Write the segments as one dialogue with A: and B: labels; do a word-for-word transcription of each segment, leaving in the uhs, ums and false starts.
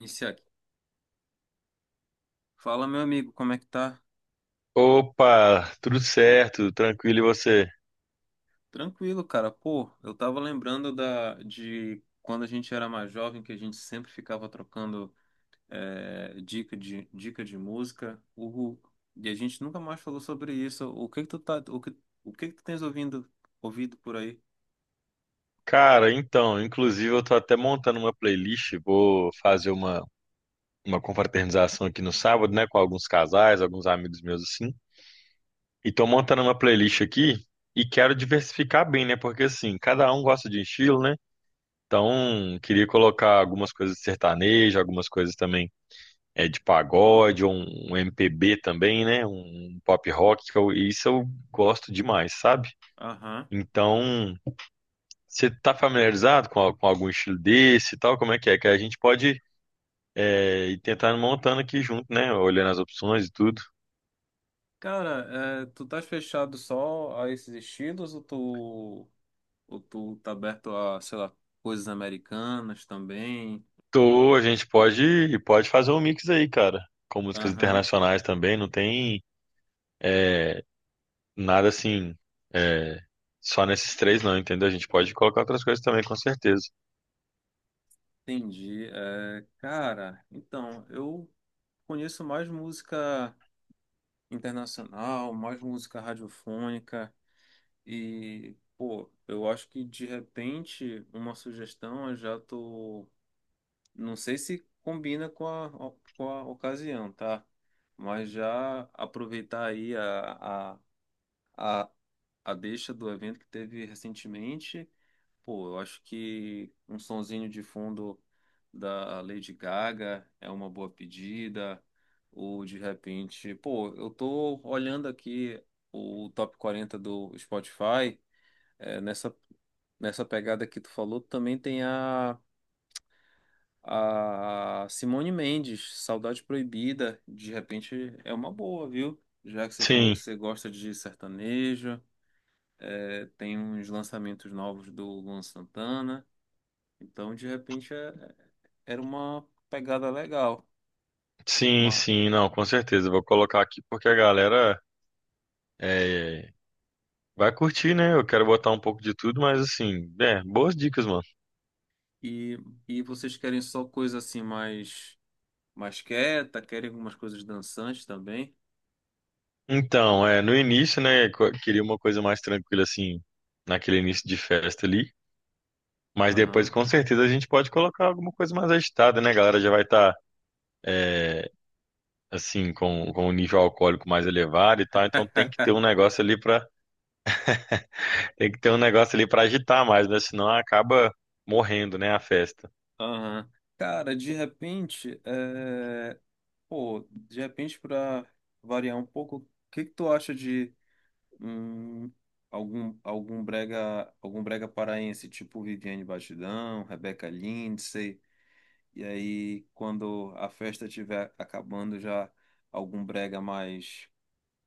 A: Iniciar aqui. Fala, meu amigo, como é que tá?
B: Opa, tudo certo, tranquilo e você?
A: Tranquilo, cara. Pô, eu tava lembrando da, de quando a gente era mais jovem, que a gente sempre ficava trocando é, dica de, dica de música. Uhul. E a gente nunca mais falou sobre isso. O que que tu tá, o que, o que que tu tens ouvindo, ouvido por aí?
B: Cara, então, inclusive eu tô até montando uma playlist, vou fazer uma, uma confraternização aqui no sábado, né, com alguns casais, alguns amigos meus assim. E tô montando uma playlist aqui e quero diversificar bem, né, porque assim, cada um gosta de um estilo, né? Então, queria colocar algumas coisas de sertanejo, algumas coisas também é de pagode, um, um M P B também, né, um pop rock, que eu- isso eu gosto demais, sabe?
A: Aham.
B: Então, você está familiarizado com, al- com algum estilo desse e tal? Como é que é? Que a gente pode é, ir tentando montando aqui junto, né? Olhando as opções e tudo.
A: Cara, é, tu estás fechado só a esses estilos ou tu, ou tu tá aberto a, sei lá, coisas americanas também?
B: Tô, a gente pode, pode fazer um mix aí, cara. Com músicas
A: Aham.
B: internacionais também, não tem é, nada assim, é, só nesses três não, entendeu? A gente pode colocar outras coisas também, com certeza.
A: Entendi. É, cara, então, eu conheço mais música internacional, mais música radiofônica e, pô, eu acho que de repente uma sugestão eu já tô, não sei se combina com a, com a ocasião, tá? Mas já aproveitar aí a, a, a deixa do evento que teve recentemente. Pô, eu acho que um sonzinho de fundo da Lady Gaga é uma boa pedida, ou de repente, pô, eu tô olhando aqui o top quarenta do Spotify, é, nessa, nessa pegada que tu falou, também tem a, a Simone Mendes, Saudade Proibida, de repente é uma boa, viu? Já que você falou
B: Sim,
A: que você gosta de sertanejo. É, tem uns lançamentos novos do Luan Santana. Então, de repente, é- era uma pegada legal.
B: sim,
A: Mas,
B: sim, não, com certeza. Eu vou colocar aqui porque a galera é, vai curtir, né? Eu quero botar um pouco de tudo, mas assim, é, boas dicas, mano.
A: e, e vocês querem só coisa assim mais, mais quieta? Querem algumas coisas dançantes também?
B: Então, é, no início, né, co- queria uma coisa mais tranquila, assim, naquele início de festa ali. Mas depois,
A: Aham.
B: com certeza, a gente pode colocar alguma coisa mais agitada, né? A galera já vai estar, assim, com, com o nível alcoólico mais elevado e tal. Então tem que ter um negócio ali para tem que ter um negócio ali para agitar mais, né? Senão acaba morrendo, né, a festa.
A: Aham. Cara, de repente, é, pô, de repente, para variar um pouco, o que que tu acha de Hum, algum, algum brega, algum brega paraense, tipo Viviane Batidão, Rebeca Lindsay, e aí quando a festa estiver acabando já algum brega mais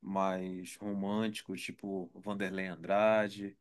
A: mais romântico, tipo Vanderlei Andrade.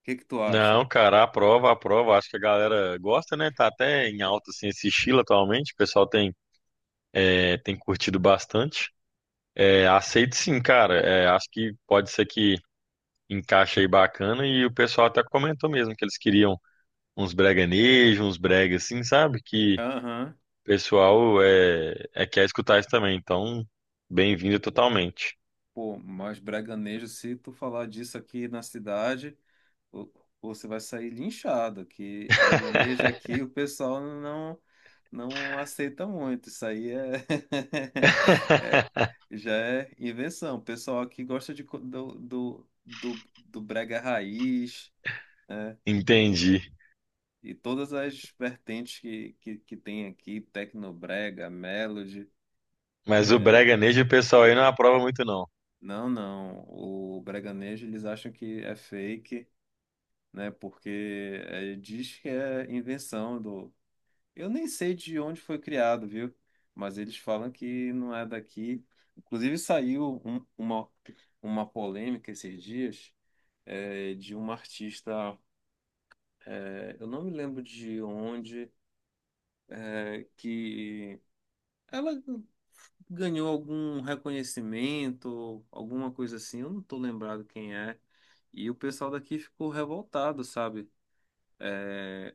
A: O que que tu acha?
B: Não, cara, aprova, aprova. Acho que a galera gosta, né? Tá até em alta, assim, esse estilo atualmente. O pessoal tem, é, tem curtido bastante. É, aceito sim, cara. É, acho que pode ser que encaixe aí bacana e o pessoal até comentou mesmo que eles queriam uns breganejos, uns brega assim, sabe? Que
A: Aham.
B: o pessoal é, é quer escutar isso também. Então, bem-vindo totalmente.
A: Pô, mais breganejo se tu falar disso aqui na cidade. Ou- ou Você vai sair linchado, que Braganejo aqui o pessoal não não aceita muito. Isso aí é. é- Já é invenção. O pessoal aqui gosta de, co- do, do, do, do brega raiz, né?
B: Entendi.
A: E todas as vertentes que, que, que tem aqui, Tecnobrega, Melody.
B: Mas o
A: é,
B: breganejo o pessoal aí não aprova muito não.
A: Não, não. O Braganejo eles acham que é fake, né? Porque é, diz que é invenção do. Eu nem sei de onde foi criado, viu? Mas eles falam que não é daqui. Inclusive saiu um- uma, uma polêmica esses dias, é, de uma artista, é, eu não me lembro de onde, é, que ela ganhou algum reconhecimento, alguma coisa assim, eu não tô lembrado quem é. E o pessoal daqui ficou revoltado, sabe? Eh,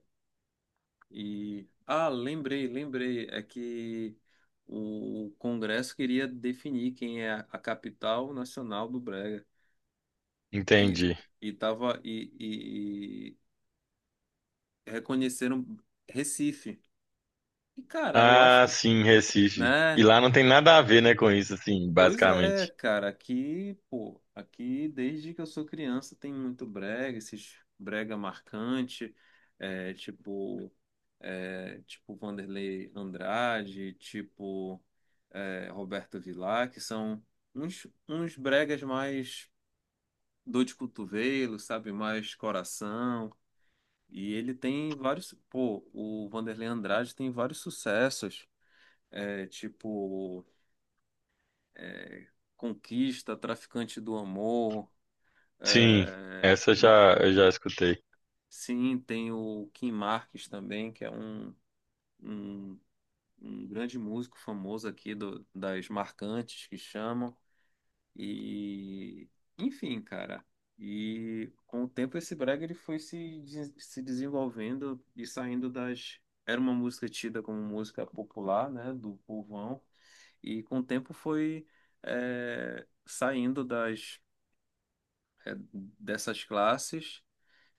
A: E ah, lembrei, lembrei, é que o Congresso queria definir quem é a a capital nacional do Brega e
B: Entendi.
A: e tava, e, e- e reconheceram Recife. E cara, eu acho
B: Ah,
A: que,
B: sim, Recife. E
A: né?
B: lá não tem nada a ver, né, com isso, assim,
A: Pois é,
B: basicamente.
A: cara, aqui, pô, aqui desde que eu sou criança tem muito brega, esses brega marcante, é, tipo, é, tipo Vanderlei Andrade, tipo, é, Roberto Vilar, que são uns, uns bregas mais dor de cotovelo, sabe, mais coração, e ele tem vários, pô, o Vanderlei Andrade tem vários sucessos, é, tipo é, Conquista, Traficante do Amor.
B: Sim,
A: é,
B: essa eu já eu já escutei.
A: Sim, tem o Kim Marques também, que é um, um, um grande músico famoso aqui do, das marcantes que chamam. E, enfim, cara. E com o tempo esse brega ele foi se, des- se desenvolvendo e saindo das. Era uma música tida como música popular, né, do povão, e com o tempo foi é, saindo das é, dessas classes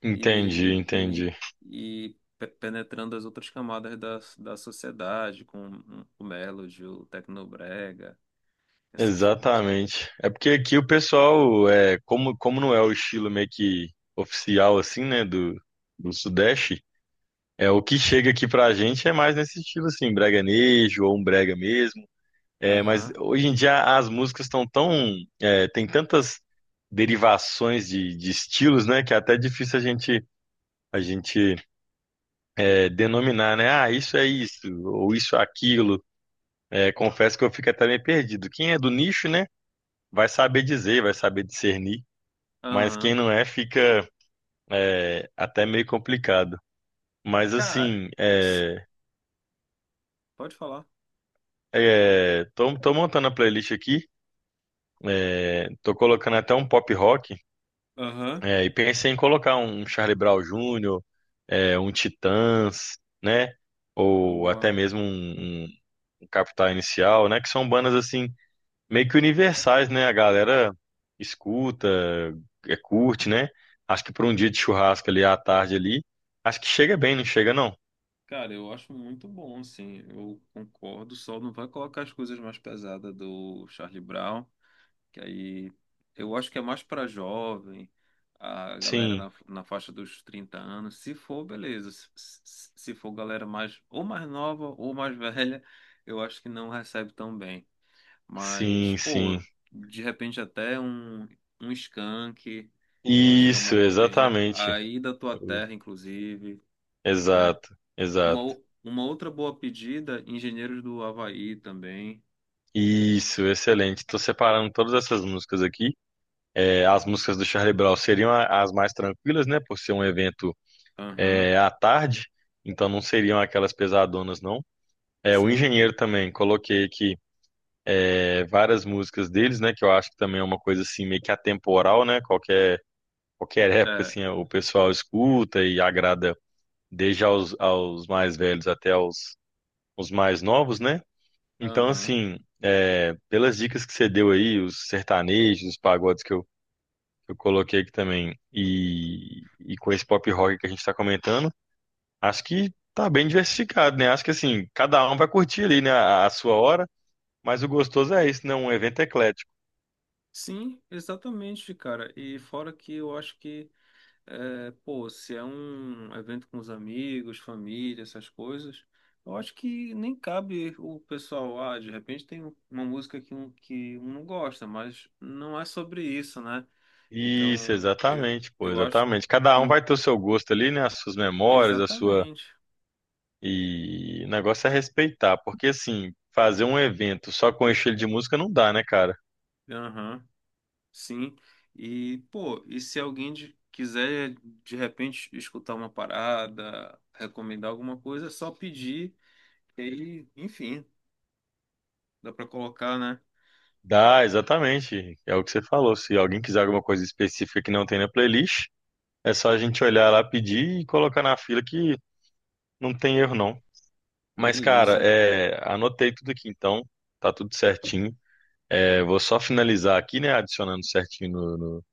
B: Entendi,
A: e,
B: entendi.
A: e, e pe- penetrando as outras camadas da, da sociedade, com o Melody, o Tecnobrega, essas coisas.
B: Exatamente. É porque aqui o pessoal, é, como, como não é o estilo meio que oficial, assim, né, do, do Sudeste, é o que chega aqui pra gente é mais nesse estilo, assim, breganejo ou um brega mesmo. É, mas
A: Aham,
B: hoje em dia as músicas estão tão, é, tem tantas derivações de, de estilos, né, que é até difícil a gente, a gente é, denominar, né, ah, isso é isso, ou isso é aquilo. É, confesso que eu fico até meio perdido. Quem é do nicho, né, vai saber dizer, vai saber discernir. Mas quem
A: aham.
B: não é, fica é, até meio complicado. Mas
A: Cara,
B: assim,
A: se-
B: é,
A: pode falar.
B: é, tô, tô montando a playlist aqui, é, tô colocando até um pop rock,
A: Aham,
B: é, e pensei em colocar um Charlie Brown júnior, é, um Titãs, né? Ou
A: boa.
B: até mesmo um, um Capital Inicial, né? Que são bandas assim, meio que universais, né? A galera escuta, é, curte, né? Acho que para um dia de churrasco ali à tarde ali, acho que chega bem, não chega não?
A: Cara, eu acho muito bom, sim, eu concordo, só não vai colocar as coisas mais pesadas do Charlie Brown, que aí eu acho que é mais para jovem, a galera
B: Sim,
A: na, na faixa dos trinta anos. Se for, beleza. Se, se se for galera mais ou mais nova ou mais velha, eu acho que não recebe tão bem. Mas,
B: sim, sim.
A: pô, de repente até um, um skunk, eu acho que é uma
B: Isso,
A: boa pedida.
B: exatamente.
A: Aí da tua
B: Uh,
A: terra, inclusive, né?
B: Exato,
A: Uma,
B: exato.
A: o- uma outra boa pedida, Engenheiros do Havaí também.
B: Isso, excelente. Estou separando todas essas músicas aqui. É, as músicas do Charlie Brown seriam a- as mais tranquilas, né? Por ser um evento
A: Aham,
B: é, à tarde, então não seriam aquelas pesadonas, não. É, o
A: sim.
B: Engenheiro também, coloquei aqui é, várias músicas deles, né? Que eu acho que também é uma coisa assim meio que atemporal, né? Qualquer, qualquer época,
A: É,
B: assim, o pessoal escuta e agrada desde aos, aos mais velhos até aos os mais novos, né? Então,
A: aham.
B: assim, é, pelas dicas que você deu aí, os sertanejos, os pagodes que eu, que eu coloquei aqui também, e, e com esse pop rock que a gente está comentando, acho que tá bem diversificado, né? Acho que, assim, cada um vai curtir ali, né, a, a sua hora, mas o gostoso é isso, né? Um evento eclético.
A: Sim, exatamente, cara. E fora que eu acho que, é, pô, se é um evento com os amigos, família, essas coisas, eu acho que nem cabe o pessoal, ah, de repente tem um, uma música que um, que um não gosta, mas não é sobre isso, né?
B: Isso,
A: Então, eu,
B: exatamente, pô,
A: eu acho
B: exatamente. Cada um
A: que,
B: vai ter o seu gosto ali, né? As suas memórias, a sua.
A: exatamente.
B: E o negócio é respeitar, porque assim, fazer um evento só com estilo de música não dá, né, cara?
A: Aham, sim. E, pô, e se alguém de- quiser, de repente, escutar uma parada, recomendar alguma coisa, é só pedir. E aí, enfim, dá pra colocar, né?
B: Dá, exatamente. É o que você falou. Se alguém quiser alguma coisa específica que não tem na playlist, é só a gente olhar lá, pedir e colocar na fila que não tem erro, não. Mas, cara,
A: Beleza.
B: é, anotei tudo aqui então, tá tudo certinho. É, vou só finalizar aqui, né, adicionando certinho no, no-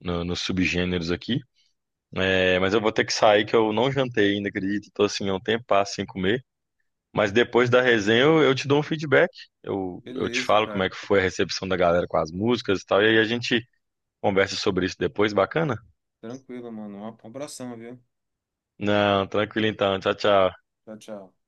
B: no- nos subgêneros aqui. É, mas eu vou ter que sair que eu não jantei ainda, acredito. Tô assim, há um tempo, sem comer. Mas depois da resenha eu, eu te dou um feedback. Eu, eu te
A: Beleza,
B: falo como é
A: cara.
B: que foi a recepção da galera com as músicas e tal. E aí a gente conversa sobre isso depois, bacana?
A: Tranquilo, mano. Um abração, viu?
B: Não, tranquilo então. Tchau, tchau.
A: Tchau, tchau.